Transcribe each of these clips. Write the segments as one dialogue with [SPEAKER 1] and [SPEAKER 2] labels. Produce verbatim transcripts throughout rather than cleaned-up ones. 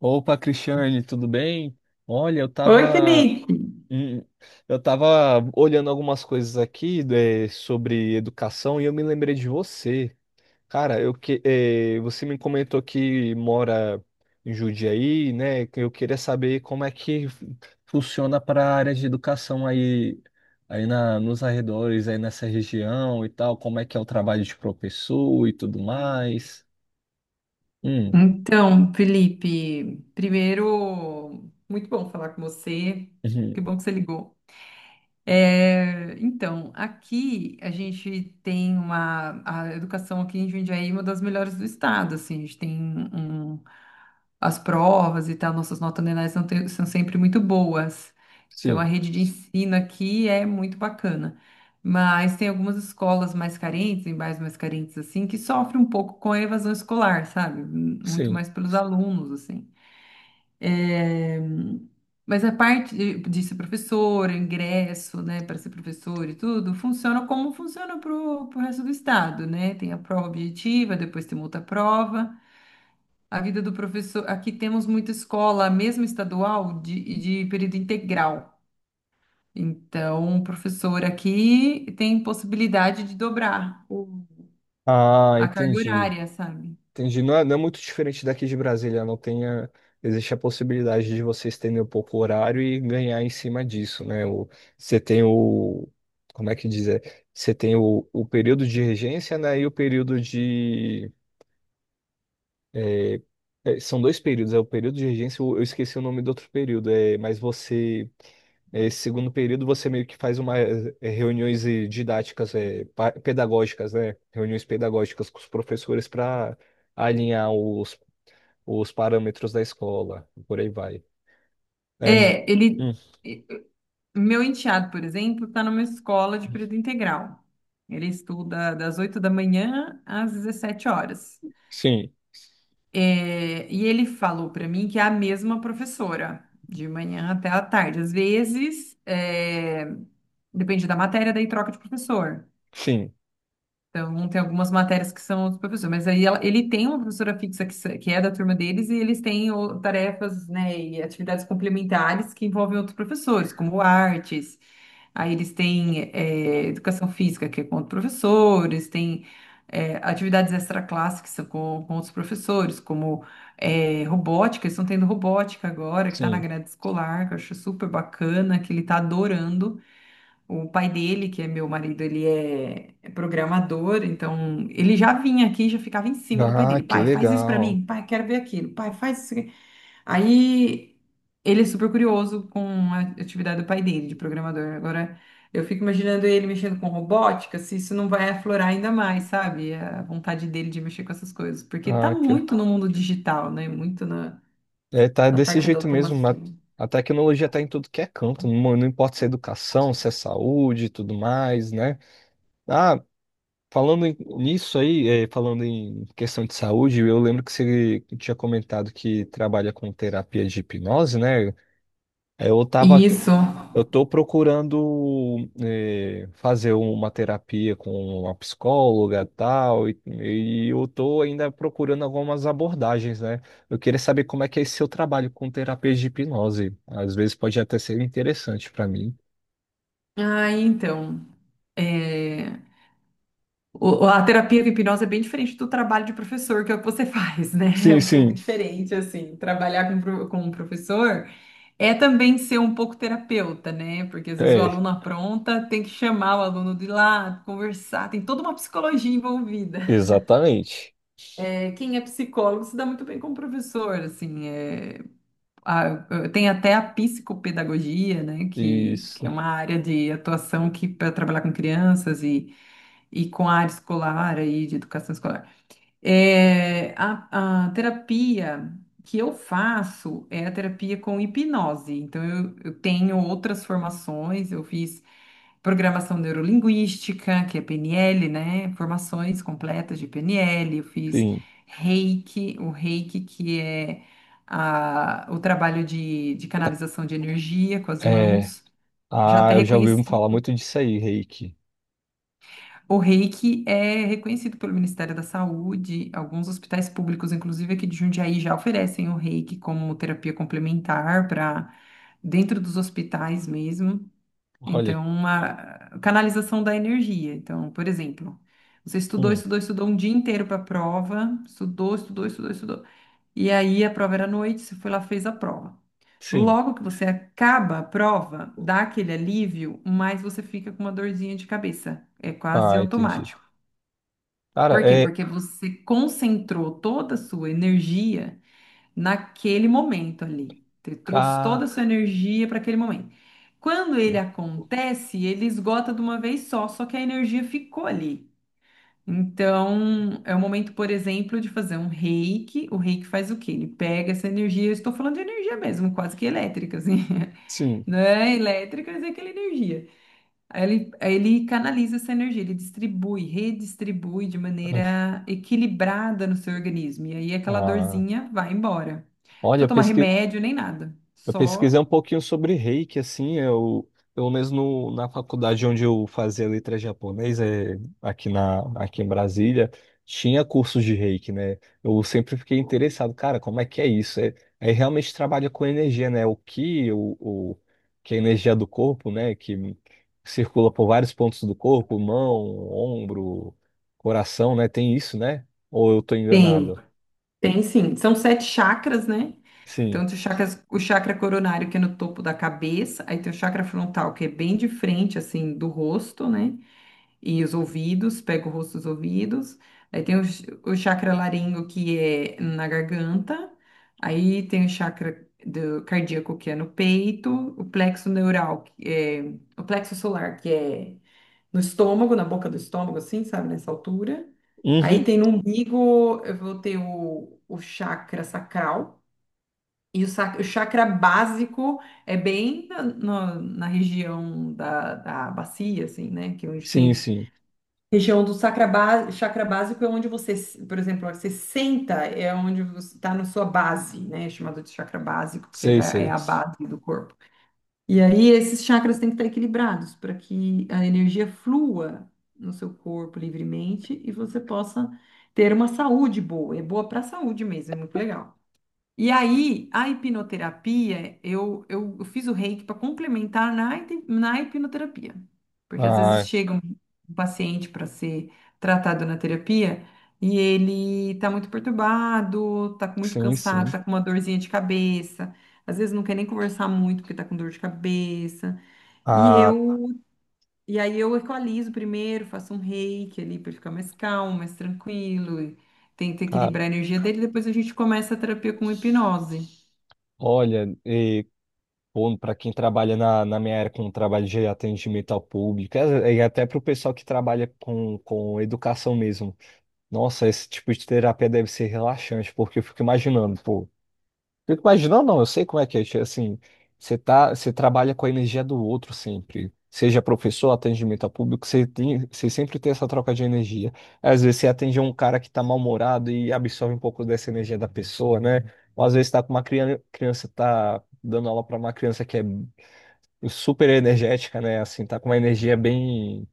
[SPEAKER 1] Opa, Cristiane, tudo bem? Olha, eu
[SPEAKER 2] Oi,
[SPEAKER 1] tava,
[SPEAKER 2] Felipe.
[SPEAKER 1] hum, eu tava olhando algumas coisas aqui, né, sobre educação e eu me lembrei de você. Cara, eu que, eh, você me comentou que mora em Jundiaí, né? Eu queria saber como é que fu- funciona para a área de educação aí, aí na, nos arredores, aí nessa região e tal, como é que é o trabalho de professor e tudo mais. Hum.
[SPEAKER 2] Então, Felipe, primeiro, muito bom falar com você. Que
[SPEAKER 1] Uhum.
[SPEAKER 2] bom. É, então, aqui a gente tem uma, a educação aqui em Jundiaí é uma das melhores do estado, assim, a gente tem um, um, as provas e tal, nossas notas anuais são, te- são sempre muitas. Então, a
[SPEAKER 1] Sim,
[SPEAKER 2] rede de ensino aqui é muito bacana, mas tem algumas escolas mais carentes, em bairros mais carentes, assim, que sofrem um pouco com a evasão escolar, sabe? Muito
[SPEAKER 1] sim.
[SPEAKER 2] mais pelos alunos, assim. É, mas a parte de de ser professor, ingresso, né, para ser professor e tudo, funciona como funciona para o resto do estado, né? Tem a prova objetiva, depois tem outra prova. A vida do professor. Aqui temos muita escola, mesmo estadual, de, de período integral. Então, o professor aqui tem possibilidade de dobrar
[SPEAKER 1] Ah,
[SPEAKER 2] a carga
[SPEAKER 1] entendi.
[SPEAKER 2] horária, sabe?
[SPEAKER 1] Entendi. Não é, não é muito diferente daqui de Brasília, não tem a- existe a possibilidade de você estender um pouco o horário e ganhar em cima disso, né? O, você tem o, como é que dizer? Você tem o, o período de regência, né? E o período de é, é, são dois períodos, é o período de regência, eu eu esqueci o nome do outro período, é, mas você, é, esse segundo período, você meio que faz uma, é, reuniões eh, didáticas, é, pa- pedagógicas, né? Reuniões pedagógicas com os professores para alinhar os, os parâmetros da escola, e por aí vai. É.
[SPEAKER 2] É, ele.
[SPEAKER 1] Hum.
[SPEAKER 2] Meu enteado, por exemplo, está numa escola de período integral. Ele estuda das oito da manhã às dezessete horas.
[SPEAKER 1] Sim,
[SPEAKER 2] É, e ele falou para mim que é a mesma professora, de manhã até à tarde. Às vezes, é, depende da matéria, daí troca de professor.
[SPEAKER 1] sim,
[SPEAKER 2] Então, tem algumas matérias que são dos professores, mas aí ela- ele tem uma professora fixa que, se- que é da turma deles e eles têm o- tarefas, né, e atividades complementares que envolvem outros professores, como artes. Aí eles têm é, educação física, que é com outros professores, tem é, atividades extraclasse, que são com, com outros professores, como é, robótica, eles estão tendo robótica agora, que está na
[SPEAKER 1] sim.
[SPEAKER 2] grade escolar, que eu acho super bacana, que ele está adorando. O pai dele, que é meu marido, ele é é programador, então ele já vinha aqui e já ficava em cima do pai
[SPEAKER 1] Ah,
[SPEAKER 2] dele.
[SPEAKER 1] que
[SPEAKER 2] Pai, faz isso pra
[SPEAKER 1] legal.
[SPEAKER 2] mim. Pai, quero ver aquilo. Pai, faz isso aqui. Aí ele é super curioso com a atividade do pai dele, de programador. Agora eu fico imaginando ele mexendo com robótica, se isso não vai aflorar ainda mais, sabe? A vontade dele de mexer com essas coisas, porque tá
[SPEAKER 1] Ah, que
[SPEAKER 2] muito no mundo digital, né? Muito na,
[SPEAKER 1] É, tá
[SPEAKER 2] na
[SPEAKER 1] desse
[SPEAKER 2] parte da
[SPEAKER 1] jeito mesmo.
[SPEAKER 2] automação.
[SPEAKER 1] A, a tecnologia tá em tudo que é canto, não, não importa se é educação, se é saúde e tudo mais, né? Ah, falando em- nisso aí, é, falando em questão de saúde, eu lembro que você tinha comentado que trabalha com terapia de hipnose, né? É, Eu tava
[SPEAKER 2] Isso.
[SPEAKER 1] eu estou procurando eh, fazer uma terapia com uma psicóloga tal, e, e eu estou ainda procurando algumas abordagens, né? Eu queria saber como é que é esse seu trabalho com terapias de hipnose. Às vezes pode até ser interessante para mim.
[SPEAKER 2] Ah, então. É, O- a terapia com hipnose é bem diferente do trabalho de professor, que é o que você faz, né? É
[SPEAKER 1] Sim,
[SPEAKER 2] um pouco
[SPEAKER 1] sim,
[SPEAKER 2] diferente, assim. Trabalhar com, pro- com um professor é também ser um pouco terapeuta, né? Porque às vezes o
[SPEAKER 1] é,
[SPEAKER 2] aluno apronta, tem que chamar o aluno de lá, conversar, tem toda uma psicologia envolvida.
[SPEAKER 1] exatamente.
[SPEAKER 2] É, quem é psicólogo se dá muito bem com o professor, assim. É, a- tem até a psicopedagogia, né? Que, que é
[SPEAKER 1] Isso,
[SPEAKER 2] uma área de atuação que para trabalhar com crianças e e com a área escolar aí de educação escolar. É, a, a terapia que eu faço é a terapia com hipnose. Então, eu, eu tenho outras formações, eu fiz programação neurolinguística, que é P N L, né? Formações completas de P N L, eu fiz
[SPEAKER 1] sim.
[SPEAKER 2] Reiki, o Reiki que é a- o trabalho de, de canalização de energia com as
[SPEAKER 1] É,
[SPEAKER 2] mãos. Já
[SPEAKER 1] ah,
[SPEAKER 2] até
[SPEAKER 1] eu já ouvi
[SPEAKER 2] reconheci.
[SPEAKER 1] falar muito disso aí, Reiki.
[SPEAKER 2] O reiki é reconhecido pelo Ministério da Saúde. Alguns hospitais públicos, inclusive aqui de Jundiaí, já oferecem o reiki como terapia complementar para dentro dos hospitais mesmo.
[SPEAKER 1] Olha.
[SPEAKER 2] Então, uma canalização da energia. Então, por exemplo, você estudou,
[SPEAKER 1] Hum.
[SPEAKER 2] estudou, estudou um dia inteiro para a prova, estudou, estudou, estudou, estudou. E aí a prova era à noite, você foi lá, fez a prova.
[SPEAKER 1] Sim.
[SPEAKER 2] Logo que você acaba a prova, dá aquele alívio, mas você fica com uma dorzinha de cabeça. É quase
[SPEAKER 1] Ah, entendi.
[SPEAKER 2] automático.
[SPEAKER 1] Cara,
[SPEAKER 2] Por quê?
[SPEAKER 1] é.
[SPEAKER 2] Porque você concentrou toda a sua energia naquele momento ali. Você trouxe
[SPEAKER 1] Ca...
[SPEAKER 2] toda a sua energia para aquele momento. Quando ele acontece, ele esgota de uma vez só, só que a energia ficou ali. Então, é o momento, por exemplo, de fazer um reiki. O reiki faz o quê? Ele pega essa energia, eu estou falando de energia mesmo, quase que elétrica, assim.
[SPEAKER 1] Sim.
[SPEAKER 2] Não é elétrica, mas é aquela energia. Aí Ele, aí ele canaliza essa energia, ele distribui, redistribui de maneira equilibrada no seu organismo. E aí aquela
[SPEAKER 1] Ah,
[SPEAKER 2] dorzinha vai embora. Não
[SPEAKER 1] olha,
[SPEAKER 2] precisa
[SPEAKER 1] eu
[SPEAKER 2] tomar
[SPEAKER 1] pesqui-
[SPEAKER 2] remédio nem nada.
[SPEAKER 1] eu pesquisei um
[SPEAKER 2] Só
[SPEAKER 1] pouquinho sobre Reiki, assim, eu, pelo menos no, na faculdade onde eu fazia letras japonesa é, aqui, na, aqui em Brasília, tinha cursos de Reiki, né? Eu sempre fiquei interessado, cara, como é que é isso? É, é realmente trabalha com energia, né? O ki, o, o, que é a energia do corpo, né? Que circula por vários pontos do corpo, mão, ombro, coração, né? Tem isso, né? Ou eu tô
[SPEAKER 2] tem,
[SPEAKER 1] enganado?
[SPEAKER 2] tem sim. São sete chakras, né?
[SPEAKER 1] Sim.
[SPEAKER 2] Então, tem o chakra, o chakra coronário, que é no topo da cabeça, aí tem o chakra frontal, que é bem de frente, assim, do rosto, né? E os ouvidos, pega o rosto dos ouvidos. Aí tem o, ch- o chakra laringo, que é na garganta. Aí tem o chakra do cardíaco, que é no peito. O plexo neural, que é o plexo solar, que é no estômago, na boca do estômago, assim, sabe, nessa altura. Aí
[SPEAKER 1] Uhum.
[SPEAKER 2] tem no umbigo, eu vou ter o, o chakra sacral. E o, sac- o chakra básico é bem na, na na região da, da bacia, assim, né? Que é onde
[SPEAKER 1] Sim,
[SPEAKER 2] tem.
[SPEAKER 1] sim.
[SPEAKER 2] Região do sacra ba- chakra básico é onde você, se- por exemplo, ó, você senta, é onde você está na sua base, né? É chamado de chakra básico, porque é
[SPEAKER 1] Sei,
[SPEAKER 2] da- é
[SPEAKER 1] sei.
[SPEAKER 2] a base do corpo. E aí esses chakras têm que estar equilibrados para que a energia flua no seu corpo livremente e você possa ter uma saúde boa. É boa para a saúde mesmo, é muito legal. E aí, a hipnoterapia, eu, eu, eu fiz o reiki para complementar na, hip- na hipnoterapia. Porque às vezes
[SPEAKER 1] Ah,
[SPEAKER 2] chega um um paciente para ser tratado na terapia e ele tá muito perturbado, tá com- muito
[SPEAKER 1] sim,
[SPEAKER 2] cansado,
[SPEAKER 1] sim.
[SPEAKER 2] tá com uma dorzinha de cabeça. Às vezes não quer nem conversar muito porque tá com dor de cabeça. E
[SPEAKER 1] Ah,
[SPEAKER 2] eu, e aí eu equalizo primeiro, faço um reiki ali para ele ficar mais calmo, mais tranquilo, e tento
[SPEAKER 1] cara,
[SPEAKER 2] equilibrar a energia dele, depois a gente começa a terapia com hipnose.
[SPEAKER 1] olha, e, bom, para quem trabalha na, na minha área com trabalho de atendimento ao público, é- e até para o pessoal que trabalha com, com educação mesmo. Nossa, esse tipo de terapia deve ser relaxante, porque eu fico imaginando, pô. Fico imaginando, não, eu sei como é que é, assim, você tá, você trabalha com a energia do outro sempre, seja professor, atendimento a público, você tem, você sempre tem essa troca de energia. Às vezes você atende um cara que tá mal-humorado e absorve um pouco dessa energia da pessoa, né? Ou às vezes tá com uma criança, criança tá dando aula para uma criança que é super energética, né? Assim, tá com uma energia bem,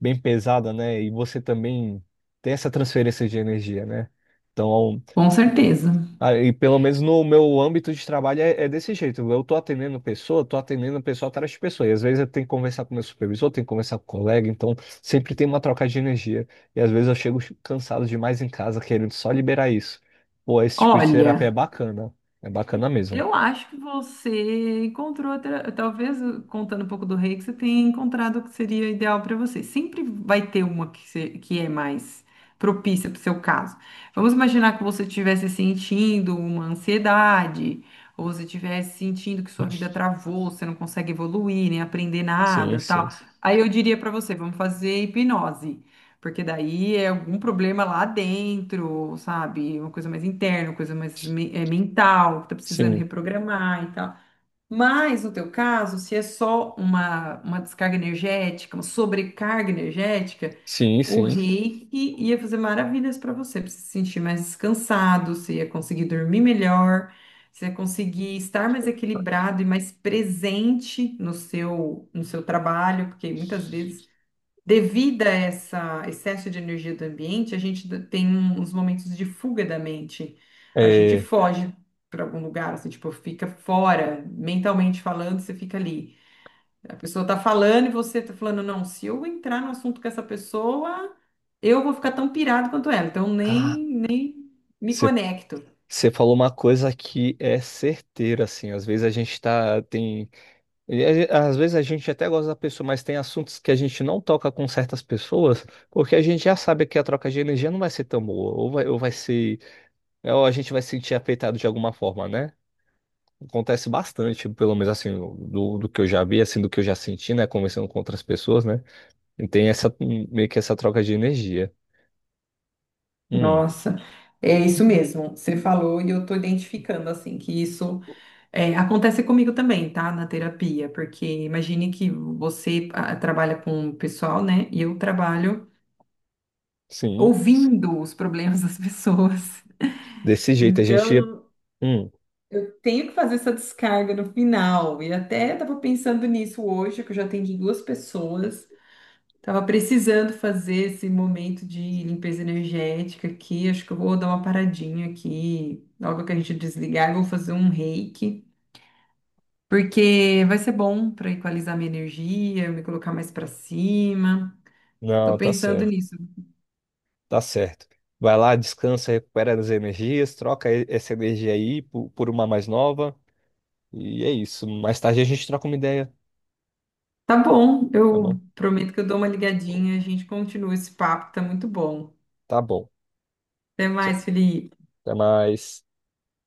[SPEAKER 1] bem pesada, né? E você também tem essa transferência de energia, né? Então,
[SPEAKER 2] Com certeza.
[SPEAKER 1] ah, e pelo menos no meu âmbito de trabalho é, é desse jeito. Eu tô atendendo pessoa, tô atendendo pessoa atrás de pessoa. E às vezes eu tenho que conversar com meu supervisor, tenho que conversar com o colega, então sempre tem uma troca de energia. E às vezes eu chego cansado demais em casa, querendo só liberar isso. Pô, esse tipo de terapia é
[SPEAKER 2] Olha,
[SPEAKER 1] bacana. É bacana mesmo.
[SPEAKER 2] eu acho que você encontrou, outra- talvez contando um pouco do rei, que você tenha encontrado o que seria ideal para você. Sempre vai ter uma que, se- que é mais propícia para o seu caso. Vamos imaginar que você estivesse sentindo uma ansiedade, ou você estivesse sentindo que sua vida travou, você não consegue evoluir, nem aprender
[SPEAKER 1] Sim,
[SPEAKER 2] nada, tal.
[SPEAKER 1] sim.
[SPEAKER 2] Aí eu diria para você, vamos fazer hipnose. Porque daí é algum problema lá dentro, sabe? Uma coisa mais interna, uma coisa mais me- eh, mental, que tá precisando
[SPEAKER 1] Sim,
[SPEAKER 2] reprogramar e tal. Mas no teu caso, se é só uma, uma descarga energética, uma sobrecarga energética,
[SPEAKER 1] sim,
[SPEAKER 2] o
[SPEAKER 1] sim.
[SPEAKER 2] reiki ia fazer maravilhas para você, pra você se sentir mais descansado, você ia conseguir dormir melhor, você ia conseguir estar mais equilibrado e mais presente no seu, no seu trabalho, porque muitas vezes devido a essa excesso de energia do ambiente, a gente d- tem um- uns momentos de fuga da mente. A gente
[SPEAKER 1] É...
[SPEAKER 2] foge para algum lugar, assim, tipo, fica fora, mentalmente falando, você fica ali. A pessoa tá falando e você tá falando, não, se eu entrar no assunto com essa pessoa, eu vou ficar tão pirado quanto ela, então
[SPEAKER 1] Ah,
[SPEAKER 2] nem, nem me conecto.
[SPEAKER 1] você falou uma coisa que é certeira, assim. Às vezes a gente tá, tem. E a- Às vezes a gente até gosta da pessoa, mas tem assuntos que a gente não toca com certas pessoas, porque a gente já sabe que a troca de energia não vai ser tão boa, ou vai, ou vai ser, né, ou a gente vai se sentir afetado de alguma forma, né? Acontece bastante, pelo menos assim, do, do que eu já vi, assim, do que eu já senti, né? Conversando com outras pessoas, né? E tem essa, hum, meio que essa troca de energia. Hum.
[SPEAKER 2] Nossa, é isso mesmo. Você falou e eu tô identificando, assim, que isso. É, acontece comigo também, tá? Na terapia, porque imagine que você ah, trabalha com o pessoal, né? E eu trabalho
[SPEAKER 1] Sim.
[SPEAKER 2] ouvindo os problemas das pessoas.
[SPEAKER 1] Desse jeito a gente ia.
[SPEAKER 2] Então,
[SPEAKER 1] Hum,
[SPEAKER 2] tenho que fazer essa descarga no final. E até estava pensando nisso hoje, que eu já atendi duas pessoas. Estava precisando fazer esse momento de limpeza energética aqui. Acho que eu vou dar uma paradinha aqui. Logo que a gente desligar, eu vou fazer um reiki. Porque vai ser bom para equalizar minha energia, me colocar mais para cima. Tô
[SPEAKER 1] não, tá
[SPEAKER 2] pensando
[SPEAKER 1] certo,
[SPEAKER 2] nisso.
[SPEAKER 1] tá certo. Vai lá, descansa, recupera as energias, troca e- essa energia aí por por uma mais nova. E é isso. Mais tarde a gente troca uma ideia,
[SPEAKER 2] Tá bom,
[SPEAKER 1] tá
[SPEAKER 2] eu
[SPEAKER 1] bom?
[SPEAKER 2] prometo que eu dou uma ligadinha, a gente continua esse papo, tá muito bom.
[SPEAKER 1] Tá bom.
[SPEAKER 2] Até
[SPEAKER 1] Tchau.
[SPEAKER 2] mais, Felipe.
[SPEAKER 1] Até mais.